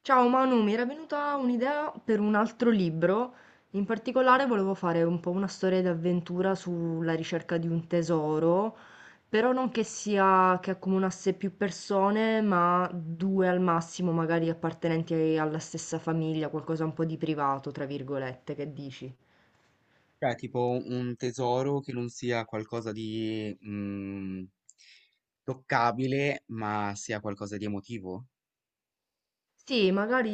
Ciao Manu, mi era venuta un'idea per un altro libro. In particolare volevo fare un po' una storia d'avventura sulla ricerca di un tesoro, però non che accomunasse più persone, ma due al massimo, magari appartenenti alla stessa famiglia, qualcosa un po' di privato, tra virgolette, che dici? Cioè, tipo un tesoro che non sia qualcosa di, toccabile, ma sia qualcosa di emotivo? Sì, magari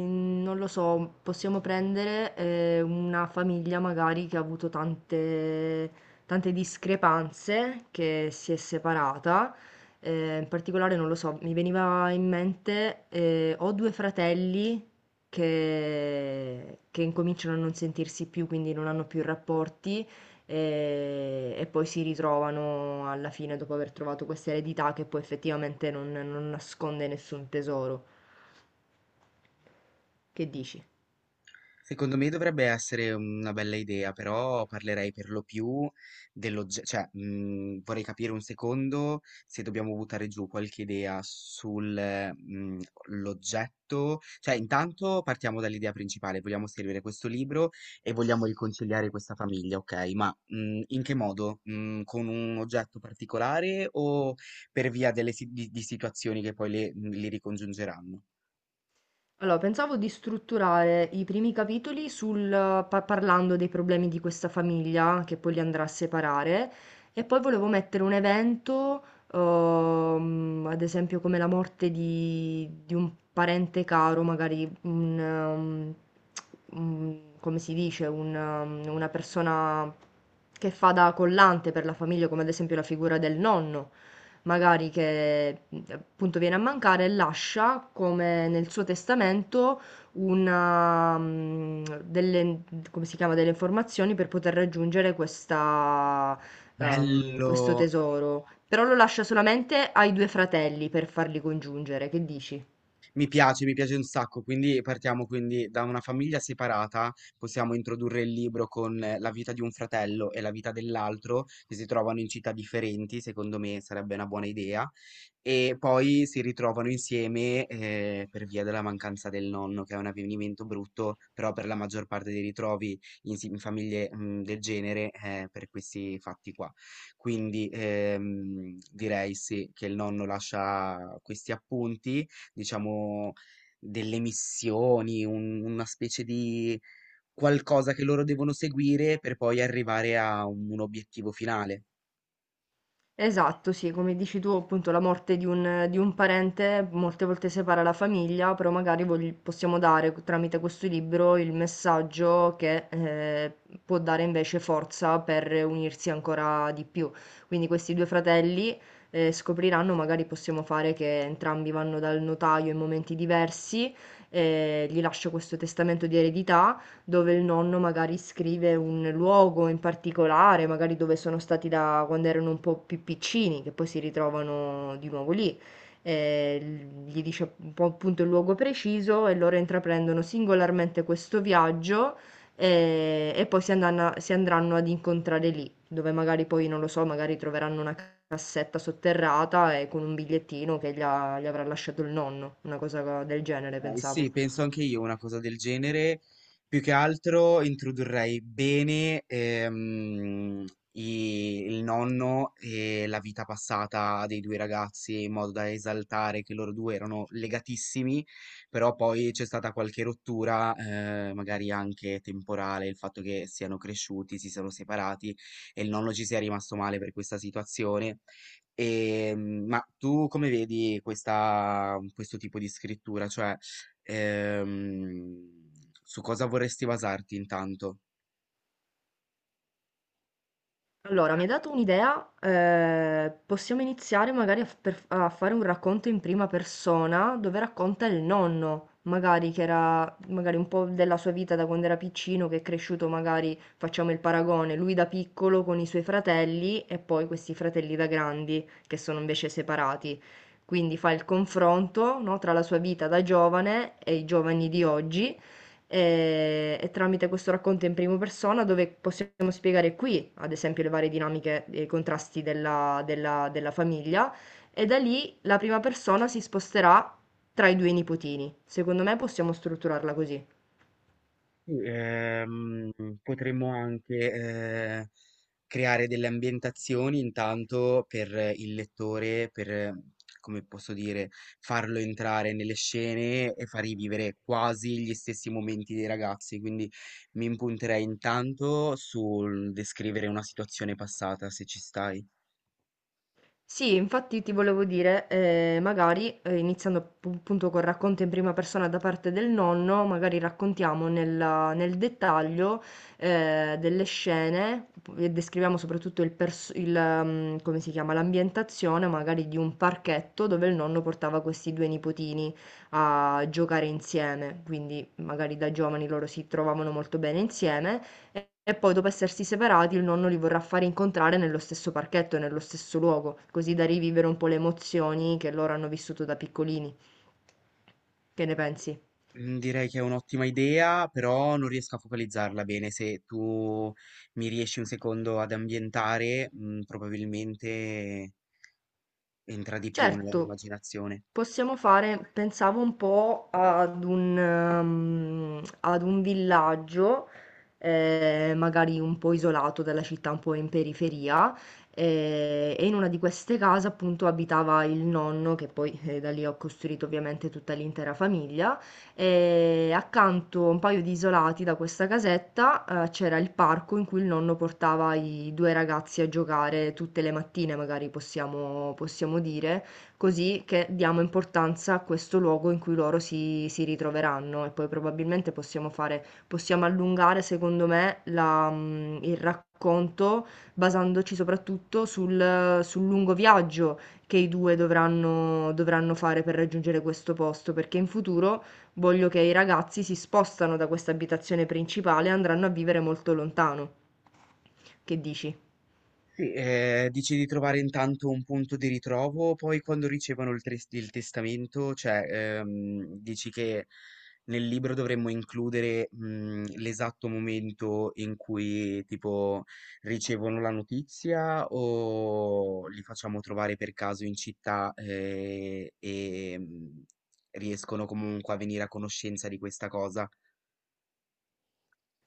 non lo so, possiamo prendere una famiglia magari che ha avuto tante discrepanze, che si è separata. In particolare, non lo so, mi veniva in mente, ho due fratelli che incominciano a non sentirsi più, quindi non hanno più rapporti. E poi si ritrovano alla fine dopo aver trovato questa eredità che poi effettivamente non nasconde nessun tesoro. Che dici? Secondo me dovrebbe essere una bella idea, però parlerei per lo più dell'oggetto, cioè vorrei capire un secondo se dobbiamo buttare giù qualche idea sull'oggetto, cioè intanto partiamo dall'idea principale, vogliamo scrivere questo libro e vogliamo riconciliare questa famiglia, ok? Ma in che modo? Con un oggetto particolare o per via delle di situazioni che poi li ricongiungeranno? Allora, pensavo di strutturare i primi capitoli sul, parlando dei problemi di questa famiglia, che poi li andrà a separare, e poi volevo mettere un evento, ad esempio come la morte di un parente caro, magari come si dice, una persona che fa da collante per la famiglia, come ad esempio la figura del nonno. Magari che appunto viene a mancare, lascia come nel suo testamento una, delle, come si chiama, delle informazioni per poter raggiungere questa, questo Bello! tesoro. Però lo lascia solamente ai due fratelli per farli congiungere, che dici? Mi piace un sacco, quindi partiamo quindi da una famiglia separata. Possiamo introdurre il libro con la vita di un fratello e la vita dell'altro, che si trovano in città differenti, secondo me sarebbe una buona idea, e poi si ritrovano insieme per via della mancanza del nonno, che è un avvenimento brutto, però per la maggior parte dei ritrovi in, in famiglie del genere per questi fatti qua. Quindi direi sì che il nonno lascia questi appunti diciamo, delle missioni, una specie di qualcosa che loro devono seguire per poi arrivare a un obiettivo finale. Esatto, sì, come dici tu, appunto, la morte di un parente molte volte separa la famiglia, però magari possiamo dare tramite questo libro il messaggio che può dare invece forza per unirsi ancora di più. Quindi questi due fratelli scopriranno, magari possiamo fare che entrambi vanno dal notaio in momenti diversi, gli lascia questo testamento di eredità dove il nonno magari scrive un luogo in particolare, magari dove sono stati da quando erano un po' più piccini, che poi si ritrovano di nuovo lì. Gli dice un po' appunto il luogo preciso e loro intraprendono singolarmente questo viaggio e poi si andranno ad incontrare lì, dove magari poi, non lo so, magari troveranno una cassetta sotterrata e con un bigliettino che gli avrà lasciato il nonno, una cosa del genere, Ok, sì, pensavo. penso anche io una cosa del genere. Più che altro introdurrei bene il nonno e la vita passata dei due ragazzi, in modo da esaltare che loro due erano legatissimi, però poi c'è stata qualche rottura, magari anche temporale, il fatto che siano cresciuti, si siano separati e il nonno ci sia rimasto male per questa situazione. E, ma tu come vedi questa, questo tipo di scrittura? Cioè, Ehm, su cosa vorresti basarti intanto? Allora, mi hai dato un'idea, possiamo iniziare magari a fare un racconto in prima persona dove racconta il nonno, magari che era magari un po' della sua vita da quando era piccino, che è cresciuto magari, facciamo il paragone, lui da piccolo con i suoi fratelli e poi questi fratelli da grandi che sono invece separati. Quindi fa il confronto, no, tra la sua vita da giovane e i giovani di oggi e tramite questo racconto in prima persona dove possiamo spiegare qui, ad esempio, le varie dinamiche e i contrasti della famiglia e da lì la prima persona si sposterà tra i due nipotini. Secondo me possiamo strutturarla così. Sì, potremmo anche eh, creare delle ambientazioni intanto per il lettore, per, come posso dire, farlo entrare nelle scene e far rivivere quasi gli stessi momenti dei ragazzi. Quindi mi impunterei intanto sul descrivere una situazione passata, se ci stai. Sì, infatti ti volevo dire, magari iniziando appunto col racconto in prima persona da parte del nonno, magari raccontiamo nel dettaglio delle scene e descriviamo soprattutto il, pers- il, mm, come si chiama, l'ambientazione magari di un parchetto dove il nonno portava questi due nipotini a giocare insieme, quindi magari da giovani loro si trovavano molto bene insieme e poi dopo essersi separati il nonno li vorrà fare incontrare nello stesso parchetto e nello stesso luogo, così da rivivere un po' le emozioni che loro hanno vissuto da piccolini. Che ne pensi? Direi che è un'ottima idea, però non riesco a focalizzarla bene. Se tu mi riesci un secondo ad ambientare, probabilmente entra di più nella mia Certo, immaginazione. possiamo fare, pensavo un po' ad ad un villaggio, magari un po' isolato dalla città, un po' in periferia, e in una di queste case appunto abitava il nonno, che poi da lì ho costruito ovviamente tutta l'intera famiglia, e accanto a un paio di isolati da questa casetta, c'era il parco in cui il nonno portava i due ragazzi a giocare tutte le mattine, magari possiamo dire. Così che diamo importanza a questo luogo in cui loro si ritroveranno e poi probabilmente possiamo allungare secondo me la il racconto basandoci soprattutto sul lungo viaggio che i 2 dovranno fare per raggiungere questo posto, perché in futuro voglio che i ragazzi si spostano da questa abitazione principale e andranno a vivere molto lontano. Che dici? Sì, dici di trovare intanto un punto di ritrovo, poi quando ricevono il testamento, cioè, dici che nel libro dovremmo includere, l'esatto momento in cui tipo ricevono la notizia, o li facciamo trovare per caso in città, e, riescono comunque a venire a conoscenza di questa cosa?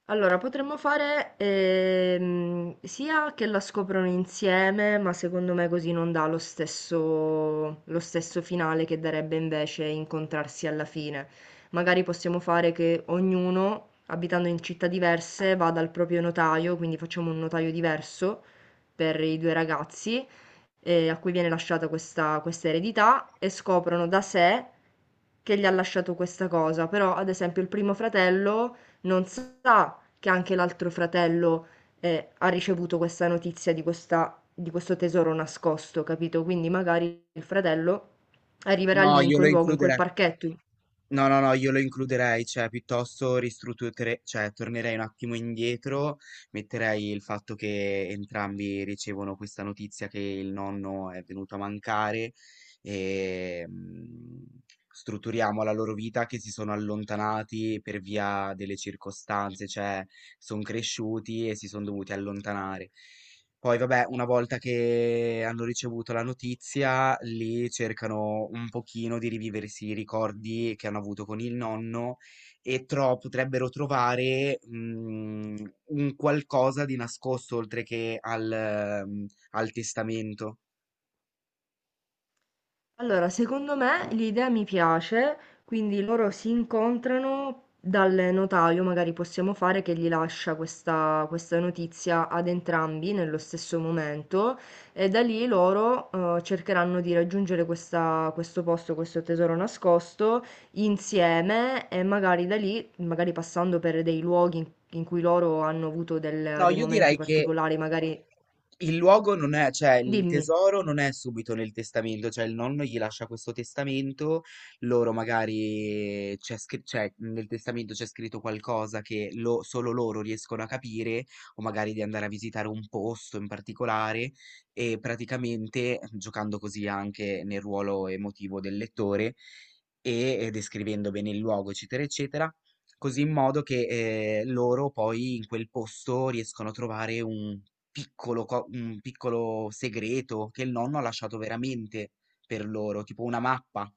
Allora, potremmo fare sia che la scoprono insieme, ma secondo me così non dà lo stesso finale che darebbe invece incontrarsi alla fine. Magari possiamo fare che ognuno, abitando in città diverse, vada al proprio notaio, quindi facciamo un notaio diverso per i due ragazzi, a cui viene lasciata questa eredità, e scoprono da sé che gli ha lasciato questa cosa. Però, ad esempio, il primo fratello non sa che anche l'altro fratello ha ricevuto questa notizia di di questo tesoro nascosto, capito? Quindi magari il fratello arriverà No, lì in io quel lo luogo, in quel includerei parchetto, No, no, no, io lo includerei, cioè piuttosto ristrutturerei, cioè tornerei un attimo indietro, metterei il fatto che entrambi ricevono questa notizia che il nonno è venuto a mancare e strutturiamo la loro vita che si sono allontanati per via delle circostanze, cioè sono cresciuti e si sono dovuti allontanare. Poi vabbè, una volta che hanno ricevuto la notizia, lì cercano un pochino di riviversi i ricordi che hanno avuto con il nonno, e potrebbero trovare un qualcosa di nascosto oltre che al, al testamento. allora, secondo me l'idea mi piace, quindi loro si incontrano dal notaio, magari possiamo fare che gli lascia questa, questa notizia ad entrambi nello stesso momento e da lì loro cercheranno di raggiungere questo posto, questo tesoro nascosto insieme e magari da lì, magari passando per dei luoghi in, in cui loro hanno avuto No, dei io momenti direi che particolari, magari... Il luogo non è, cioè il Dimmi. tesoro non è subito nel testamento, cioè il nonno gli lascia questo testamento, loro magari cioè, nel testamento c'è scritto qualcosa che solo loro riescono a capire, o magari di andare a visitare un posto in particolare, e praticamente giocando così anche nel ruolo emotivo del lettore e descrivendo bene il luogo, eccetera, eccetera. Così in modo che loro poi in quel posto riescono a trovare un piccolo co un piccolo segreto che il nonno ha lasciato veramente per loro, tipo una mappa.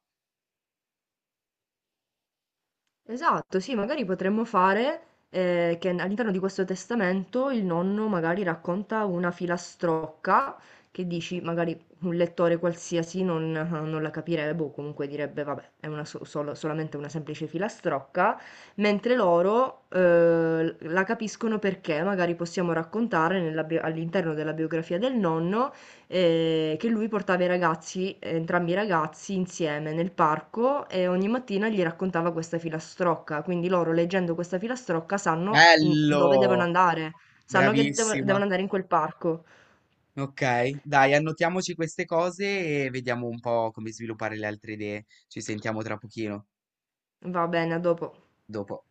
Esatto, sì, magari potremmo fare che all'interno di questo testamento il nonno magari racconta una filastrocca che dici, magari un lettore qualsiasi non la capirebbe o comunque direbbe, vabbè, è una solamente una semplice filastrocca, mentre loro la capiscono perché magari possiamo raccontare all'interno della biografia del nonno che lui portava i ragazzi entrambi i ragazzi insieme nel parco e ogni mattina gli raccontava questa filastrocca, quindi loro leggendo questa filastrocca sanno dove devono Bello! andare, sanno che Bravissima. devono andare in quel parco. Ok, dai, annotiamoci queste cose e vediamo un po' come sviluppare le altre idee. Ci sentiamo tra pochino, Va bene, a dopo. dopo.